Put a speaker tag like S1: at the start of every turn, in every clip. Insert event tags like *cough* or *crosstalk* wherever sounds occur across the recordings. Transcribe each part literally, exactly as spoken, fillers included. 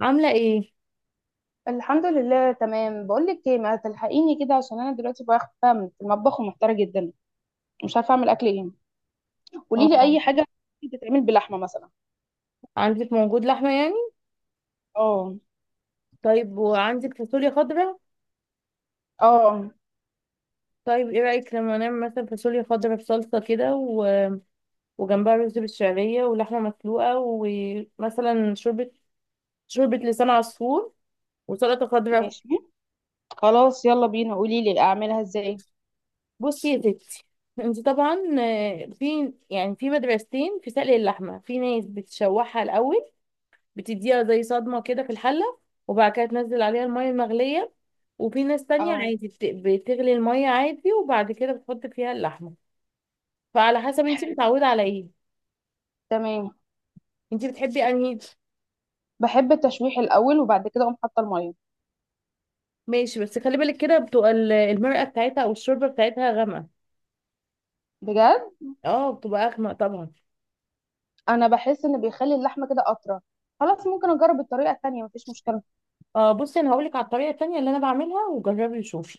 S1: عاملة ايه؟
S2: الحمد لله، تمام. بقول لك ايه، ما تلحقيني كده عشان انا دلوقتي واقفه في المطبخ ومحتاره جدا. مش عارفه اعمل اكل ايه. قولي لي
S1: اه
S2: اي حاجه بتتعمل بلحمه مثلا؟
S1: عندك موجود لحمة يعني؟
S2: اه.
S1: طيب، وعندك فاصوليا خضراء؟
S2: اه.
S1: طيب، ايه رأيك لما نعمل مثلا فاصوليا خضراء بصلصة كده و... وجنبها رز بالشعرية ولحمة مسلوقة، ومثلا شوربة، شوربة لسان عصفور، وسلطة خضراء.
S2: ماشي. خلاص، يلا بينا، قولي لي اعملها ازاي.
S1: بصي يا ستي، انت طبعا آه، في يعني في مدرستين في سلق اللحمة. في ناس بتشوحها الأول، بتديها زي صدمة كده في الحلة، وبعد كده تنزل عليها المية المغلية. وفي ناس تانية
S2: اه.
S1: عادي بت- بتغلي المية عادي وبعد كده بتحط فيها اللحمة. فعلى حسب انت
S2: حلو.
S1: متعودة على ايه.
S2: تمام.
S1: انت بتحبي انهي؟
S2: بحب التشويح الاول وبعد كده اقوم حاطه الميه.
S1: ماشي، بس خلي بالك كده بتبقى ال- المرقة بتاعتها او الشوربة بتاعتها غامقة.
S2: بجد.
S1: اه، بتبقى اغمق طبعا.
S2: انا بحس ان بيخلي اللحمه كده اطرى. خلاص، ممكن اجرب الطريقه التانية، مفيش مشكله.
S1: اه بصي، انا هقولك على الطريقة التانية اللي انا بعملها، وجربي وشوفي.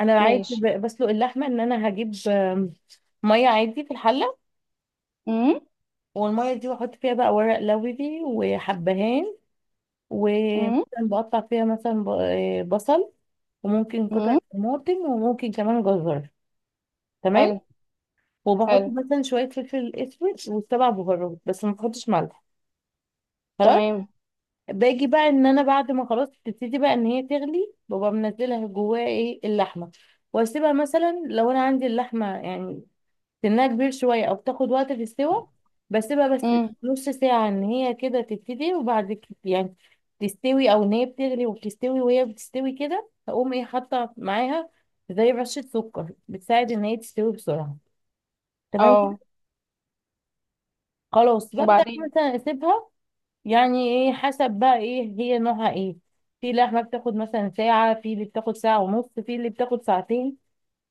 S1: انا عادي
S2: ماشي.
S1: ب- بسلق اللحمة ان انا هجيب آم، مية عادي في الحلة.
S2: امم.
S1: والمية دي بحط فيها بقى ورق لوري وحبهان،
S2: امم.
S1: ومثلا بقطع فيها مثلا ب- آه، بصل، وممكن قطع
S2: امم.
S1: طماطم، وممكن كمان جزر.
S2: حلو.
S1: تمام. وبحط
S2: حلو.
S1: مثلا شوية فلفل اسود وسبع بهارات، بس ما بحطش ملح.
S2: تمام.
S1: باجي بقى ان انا بعد ما خلاص تبتدي بقى ان هي تغلي، ببقى منزلها جواها ايه اللحمة. واسيبها مثلا لو انا عندي اللحمة يعني سنها كبير شوية أو بتاخد وقت في السوا، بسيبها بس
S2: امم.
S1: نص ساعة إن هي كده تبتدي، وبعد كده يعني تستوي أو إن هي بتغلي وبتستوي. وهي بتستوي كده هقوم إيه حاطة معاها زي رشة سكر بتساعد إن هي تستوي بسرعة. تمام
S2: اه.
S1: كده. خلاص ببدأ
S2: وبعدين.
S1: مثلا أسيبها، يعني إيه حسب بقى إيه هي نوعها إيه. في لحمة بتاخد مثلا ساعة، في اللي بتاخد ساعة ونص، في اللي بتاخد ساعتين،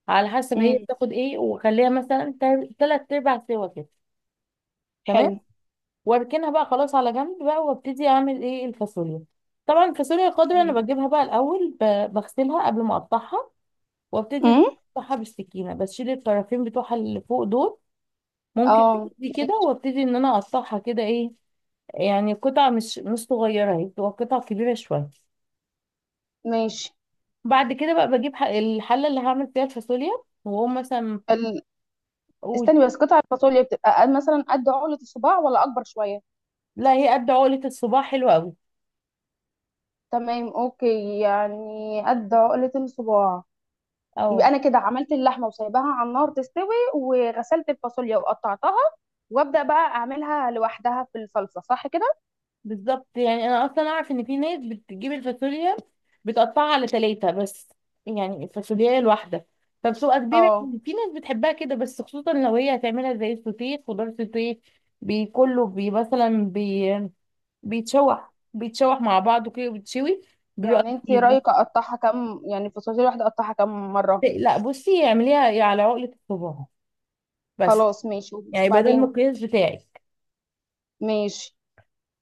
S1: على حسب هي
S2: امم.
S1: بتاخد إيه. وخليها مثلا تل- تلات أرباع سوا كده. تمام.
S2: حلو.
S1: واركنها بقى خلاص على جنب بقى، وابتدي اعمل ايه الفاصوليا. طبعا الفاصوليا الخضراء
S2: مم.
S1: انا بجيبها بقى الاول ب- بغسلها قبل ما اقطعها، وابتدي ان أنا
S2: امم.
S1: اقطعها بالسكينه، بشيل الطرفين بتوعها اللي فوق دول، ممكن
S2: اه.
S1: بايدي كده. وابتدي ان انا اقطعها كده ايه، يعني قطع مش مش صغيره، هي بتبقى قطع كبيره شويه.
S2: ماشي.
S1: بعد كده بقى بجيب ح- الحله اللي هعمل فيها الفاصوليا، واقوم مثلا
S2: ال...
S1: اقول.
S2: استني بس، قطع الفاصوليا بتبقى قد- مثلا قد عقلة الصباع ولا اكبر شوية؟
S1: لا، هي قد عقله الصباع، حلوه قوي.
S2: تمام، اوكي، يعني قد عقلة الصباع. يبقى
S1: اه.
S2: انا كده عملت اللحمة وسايباها على النار تستوي، وغسلت الفاصوليا وقطعتها، وابدا بقى اعملها لوحدها في الصلصة، صح كده؟
S1: بالظبط، يعني انا اصلا اعرف ان في ناس بتجيب الفاصوليا بتقطعها على ثلاثة بس، يعني الفاصوليا الواحده فبتبقى كبيره.
S2: اه.
S1: في ناس بتحبها كده، بس خصوصا لو هي هتعملها زي السوتيه، خضار سوتيه، بي- كله بي مثلا بي بيتشوح بيتشوح مع بعضه كده بيتشوي، بيبقى
S2: يعني انت
S1: كتير
S2: رايك
S1: بس.
S2: اقطعها كم؟ يعني الفاصوليا الواحدة اقطعها كم مرة؟
S1: لا بصي، اعمليها على عقلة الصباع بس،
S2: خلاص ماشي.
S1: يعني بدل ما
S2: وبعدين.
S1: القياس بتاعي.
S2: ماشي.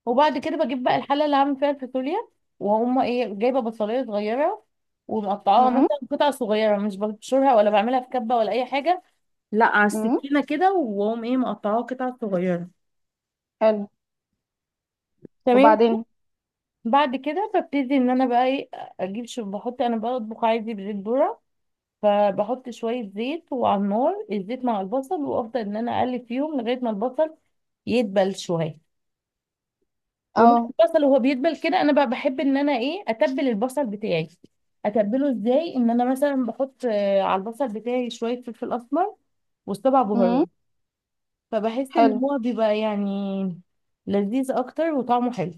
S1: وبعد كده بجيب بقى الحله اللي هعمل فيها الفاصوليا، وهم ايه، جايبه بصلايه صغيره ومقطعاها
S2: امم.
S1: مثلا قطع صغيره، مش ببشرها ولا بعملها في كبه ولا اي حاجه، لا على
S2: امم.
S1: السكينه كده. واقوم ايه، مقطعاها قطع صغيره.
S2: حلو.
S1: تمام.
S2: وبعدين.
S1: بعد كده ببتدي ان انا بقى ايه، اجيب شو، بحط انا بطبخ عادي بزيت ذره، فبحط شويه زيت وعلى النار الزيت مع البصل، وافضل ان انا اقلب فيهم لغايه ما البصل يدبل شويه. ومع
S2: اه.
S1: البصل وهو بيدبل كده، انا بقى بحب ان انا ايه اتبل البصل بتاعي. اتبله ازاي؟ ان انا مثلا بحط آه، على البصل بتاعي شويه فلفل اسمر وسبع بهارات،
S2: امم.
S1: فبحس ان
S2: حلو.
S1: هو بيبقى يعني لذيذ اكتر وطعمه حلو.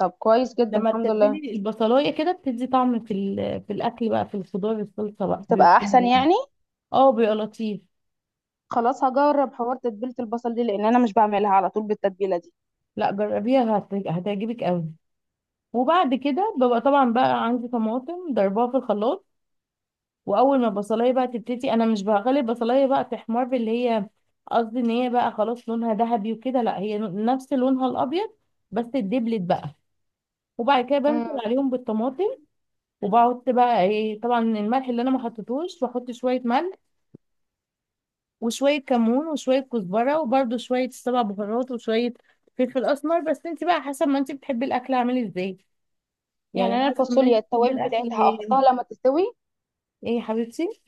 S2: طب كويس جدا،
S1: لما
S2: الحمد لله.
S1: تتبلي البصلايه كده بتدي طعم في ال- في الاكل بقى، في الخضار، الصلصه بقى بيبقى
S2: بتبقى احسن
S1: حلو.
S2: يعني.
S1: *laughs* اه، بيبقى لطيف.
S2: خلاص، هجرب حوار تتبيله البصل دي لان انا مش بعملها على طول بالتتبيله دي.
S1: لا جربيها هت- هتعجبك قوي. وبعد كده ببقى طبعا بقى عندي طماطم ضربها في الخلاط. واول ما البصلايه بقى تبتدي، انا مش بغلي البصلايه بقى تحمر اللي هي، قصدي ان هي بقى خلاص لونها ذهبي وكده، لا، هي نفس لونها الابيض بس اتدبلت بقى. وبعد كده بنزل
S2: امم.
S1: عليهم بالطماطم، وبحط بقى ايه، طبعا الملح اللي انا ما حطيتوش، بحط شويه ملح وشويه كمون وشويه كزبره، وبرده شويه سبع بهارات، وشويه فلفل اسمر، بس انت بقى حسب ما انت بتحبي الاكل عامل ازاي،
S2: يعني
S1: يعني
S2: انا
S1: حسب ما انت
S2: الفاصوليا
S1: بتحبي
S2: التوابل
S1: الاكل
S2: بتاعتها
S1: ايه.
S2: احطها لما تستوي؟
S1: إيه يا حبيبتي؟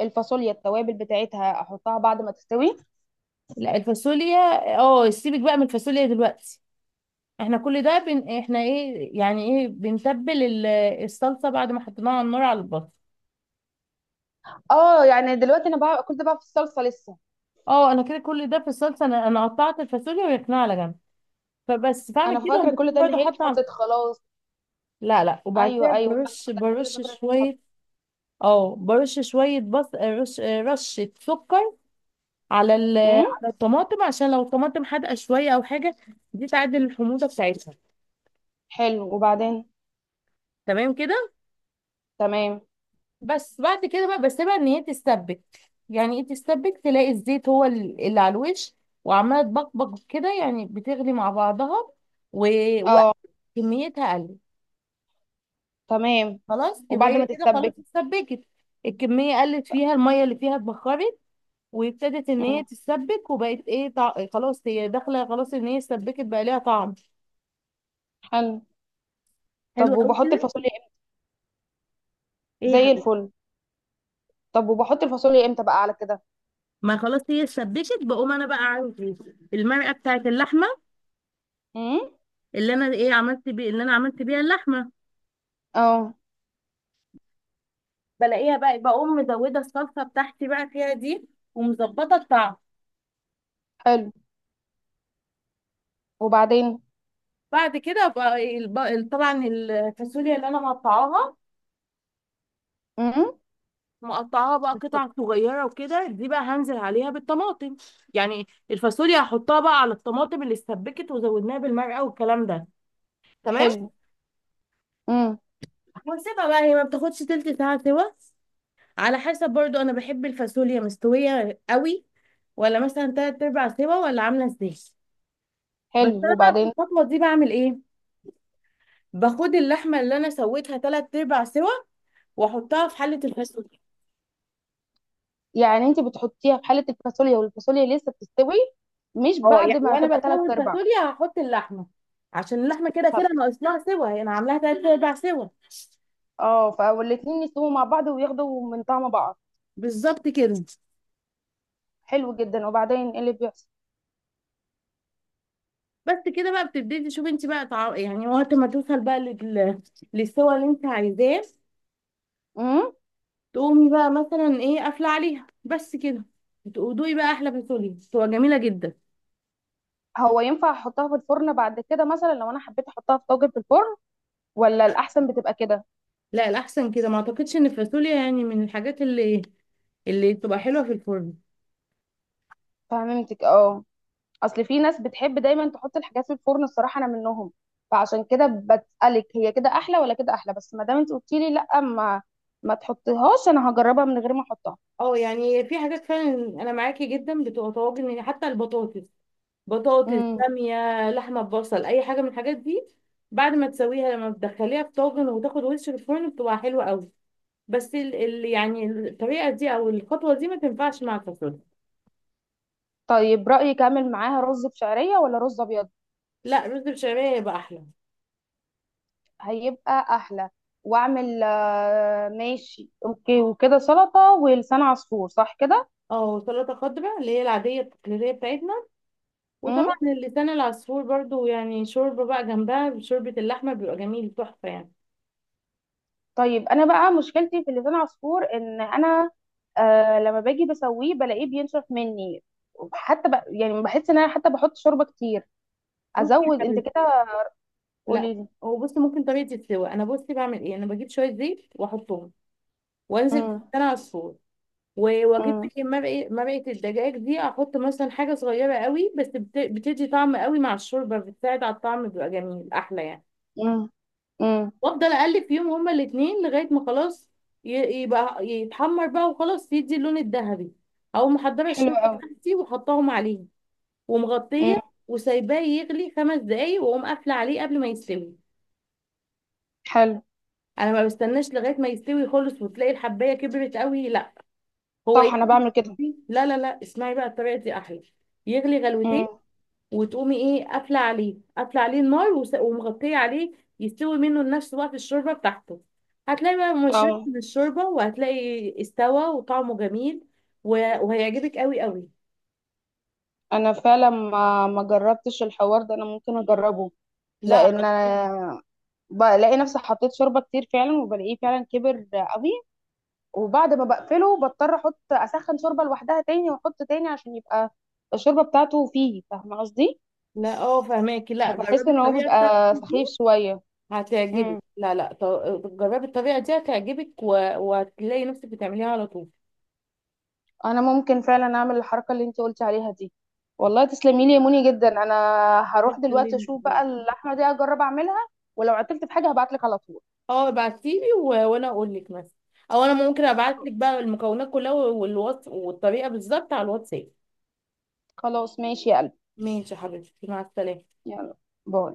S2: الفاصوليا التوابل بتاعتها احطها بعد ما تستوي؟
S1: لا الفاصوليا، اه سيبك بقى من الفاصوليا دلوقتي. احنا كل ده بن... احنا ايه، يعني ايه، بنتبل ال- الصلصه بعد ما حطيناها على النار على البصل.
S2: اه، يعني دلوقتي انا بقى كنت بقى في الصلصه لسه؟
S1: اه انا كده كل ده في الصلصه، انا انا قطعت الفاصوليا ويقنع على جنب. فبس بعمل
S2: انا
S1: كده
S2: فاكره كل
S1: وبكون
S2: ده ان
S1: برضه
S2: هي
S1: حاطه على...
S2: اتحطت خلاص.
S1: لا لا، وبعد كده
S2: ايوه، ايوه، لا.
S1: برش
S2: أنا كل ده
S1: برش
S2: فاكره ان هي اتحطت.
S1: شويه. اه، برش شويه بص، رش رشه سكر على ال...
S2: امم.
S1: على الطماطم، عشان لو الطماطم حادقه شويه او حاجه، دي تعدل الحموضه بتاعتها.
S2: حلو، وبعدين.
S1: تمام كده.
S2: تمام.
S1: بس بعد كده بقى بسيبها ان هي تستبك. يعني ايه تستبك؟ تلاقي الزيت هو ال- اللي على الوش وعماله تبقبق كده، يعني بتغلي مع بعضها و...
S2: اه.
S1: وكميتها قلت.
S2: تمام.
S1: خلاص، يبقى
S2: وبعد
S1: هي
S2: ما
S1: كده خلاص
S2: تتسبك؟
S1: اتسبكت. الكميه قلت، فيها الميه اللي فيها اتبخرت، وابتدت ان هي
S2: امم.
S1: تتسبك، وبقت ايه طع... خلاص هي داخله، خلاص ان هي اتسبكت بقى ليها طعم.
S2: حلو.
S1: حلو
S2: طب
S1: قوي
S2: وبحط
S1: كده.
S2: الفاصوليا؟
S1: ايه يا
S2: زي
S1: حبيبتي؟
S2: الفل. طب وبحط الفاصوليا امتى بقى على كده؟
S1: ما خلاص هي اتسبكت، بقوم انا بقى عندي المرقه بتاعت اللحمه
S2: امم.
S1: اللي انا ايه عملت بيه، اللي انا عملت بيها اللحمه،
S2: اه.
S1: بلاقيها بقى، بقوم مزوده الصلصه بتاعتي بقى فيها دي، ومظبطه الطعم.
S2: حلو، وبعدين.
S1: بعد كده بقى الب- ال- طبعا الفاصوليا اللي انا مقطعاها
S2: امم.
S1: مقطعاها بقى قطع صغيره وكده دي، بقى هنزل عليها بالطماطم. يعني الفاصوليا هحطها بقى على الطماطم اللي اتسبكت، وزودناها بالمرقه والكلام ده. تمام.
S2: حلو. امم.
S1: واسيبها بقى هي ما بتاخدش تلت ساعه سوا، على حسب برضو، انا بحب الفاصوليا مستويه قوي، ولا مثلا تلات ارباع سوا، ولا عامله ازاي. بس
S2: حلو،
S1: انا بقى في
S2: وبعدين.
S1: الخطوه دي بعمل ايه؟ باخد اللحمه اللي انا سويتها تلات ارباع سوا، واحطها في حله الفاصوليا.
S2: يعني انت بتحطيها في حاله الفاصوليا والفاصوليا لسه بتستوي، مش
S1: اه،
S2: بعد
S1: يعني
S2: ما
S1: وانا
S2: تبقى ثلاث
S1: بسوي
S2: ارباع؟
S1: الفاصوليا هحط اللحمه، عشان اللحمه كده كده
S2: طب.
S1: ناقص لها سوا. انا يعني انا عاملاها تلات ارباع سوا.
S2: اه، فالاتنين يستووا مع بعض وياخدوا من طعم بعض.
S1: بالظبط كده.
S2: حلو جدا، وبعدين ايه اللي بيحصل؟
S1: بس كده بقى بتبتدي تشوفي انت بقى طع... يعني وقت ما توصل بقى لل... للسوا اللي انت عايزاه،
S2: امم.
S1: تقومي بقى مثلا ايه قافله عليها، بس كده. وتقضي بقى احلى فاصوليا، بتبقى جميله جدا.
S2: هو ينفع احطها في الفرن بعد كده مثلا لو انا حبيت احطها في طاجن في الفرن، ولا الاحسن بتبقى كده؟
S1: لا الاحسن كده، ما اعتقدش ان الفاصوليا يعني من الحاجات اللي اللي بتبقى حلوه في الفرن.
S2: فهمتك، اه. اصل في ناس بتحب دايما تحط الحاجات في الفرن، الصراحه انا منهم، فعشان كده بسألك هي كده احلى ولا كده احلى. بس ما دام انت قلتي لي لا، ما ما تحطيهاش، انا هجربها من غير ما احطها.
S1: اه يعني في حاجات فعلا انا معاكي جدا بتبقى طواجن، يعني حتى البطاطس، بطاطس،
S2: امم.
S1: باميه، لحمه ببصل، اي حاجه من الحاجات دي بعد ما تسويها لما بتدخليها في طاجن وتاخد وش في الفرن بتبقى حلوه قوي. بس ال ال يعني الطريقه دي او الخطوه دي ما تنفعش مع الفاصوليا.
S2: طيب، رأيك اعمل معاها رز بشعرية ولا رز ابيض؟
S1: لا، رز بشعريه يبقى احلى.
S2: هيبقى احلى. واعمل آه، ماشي، اوكي، وكده سلطة ولسان عصفور، صح كده؟
S1: اه، سلطه خضراء اللي هي العاديه التقليديه بتاعتنا، وطبعا اللسان العصفور برضو، يعني شوربه بقى جنبها، شوربه اللحمه، بيبقى جميل تحفه يعني.
S2: طيب انا بقى مشكلتي في اللسان عصفور ان انا، آه لما باجي بسويه بلاقيه بينشف مني. حتى ب... يعني بحس ان انا حتى بحط شوربه كتير.
S1: بصي.
S2: ازود انت كده؟
S1: لا،
S2: قولي لي.
S1: هو بصي، ممكن طريقه السوا، انا بصي بعمل ايه، انا بجيب شويه زيت واحطهم وانزل
S2: امم.
S1: بالسمنه على الفرن، و- واجيب
S2: امم.
S1: بقى إيه مرقه مرقه الدجاج دي، احط مثلا حاجه صغيره قوي بس بت- بتدي طعم قوي مع الشوربه، بتساعد على الطعم بيبقى جميل احلى يعني.
S2: امم. امم.
S1: وافضل اقلب فيهم هما الاثنين لغايه ما خلاص ي- يبقى يتحمر بقى وخلاص يدي اللون الذهبي. او محضره
S2: حلو
S1: الشوربه
S2: قوي.
S1: بتاعتي وحطاهم عليه،
S2: امم.
S1: ومغطيه، وسايباه يغلي خمس دقايق، واقوم قافله عليه قبل ما يستوي.
S2: حلو.
S1: انا ما بستناش لغايه ما يستوي خالص وتلاقي الحبايه كبرت قوي. لا، هو
S2: صح، انا بعمل كده.
S1: يغلي. لا لا لا، اسمعي بقى الطريقه دي احلى، يغلي غلوتين
S2: امم.
S1: وتقومي ايه قافله عليه قافله عليه النار، وس- ومغطيه عليه، يستوي منه لنفس وقت الشوربه بتاعته. هتلاقي بقى مشرب
S2: اه.
S1: من الشوربه، وهتلاقي استوى وطعمه جميل، و- وهيعجبك قوي قوي.
S2: انا فعلا ما ما جربتش الحوار ده، انا ممكن اجربه.
S1: لا على
S2: لان
S1: طول.
S2: انا بلاقي نفسي حطيت شوربه كتير فعلا، وبلاقيه فعلا كبر قوي. وبعد ما بقفله بضطر احط، اسخن شوربه لوحدها تاني واحط تاني عشان يبقى الشوربه بتاعته فيه، فاهمه قصدي؟
S1: لا اه فهماكي، لا
S2: فبحس
S1: جربي
S2: ان هو
S1: الطريقه بتاعتي
S2: بيبقى
S1: دي
S2: سخيف شويه.
S1: هتعجبك.
S2: امم.
S1: لا لا ط- جربي الطريقه دي هتعجبك و- وهتلاقي نفسك بتعمليها على طول.
S2: انا ممكن فعلا اعمل الحركه اللي انت قلتي عليها دي. والله تسلمي لي يا موني جدا. انا هروح دلوقتي
S1: بتكلمني يا
S2: اشوف بقى
S1: حبيبتي.
S2: اللحمه دي، اجرب اعملها. ولو عطلت في حاجه هبعت لك على طول.
S1: اه ابعتيلي و... وانا اقول لك مثلا، او انا ممكن ابعت لك بقى المكونات كلها والوصف والطريقه بالظبط على الواتساب.
S2: خلاص ماشي يا قلبي.
S1: ماشي يا حبيبتي، مع السلامه.
S2: يلا. باي.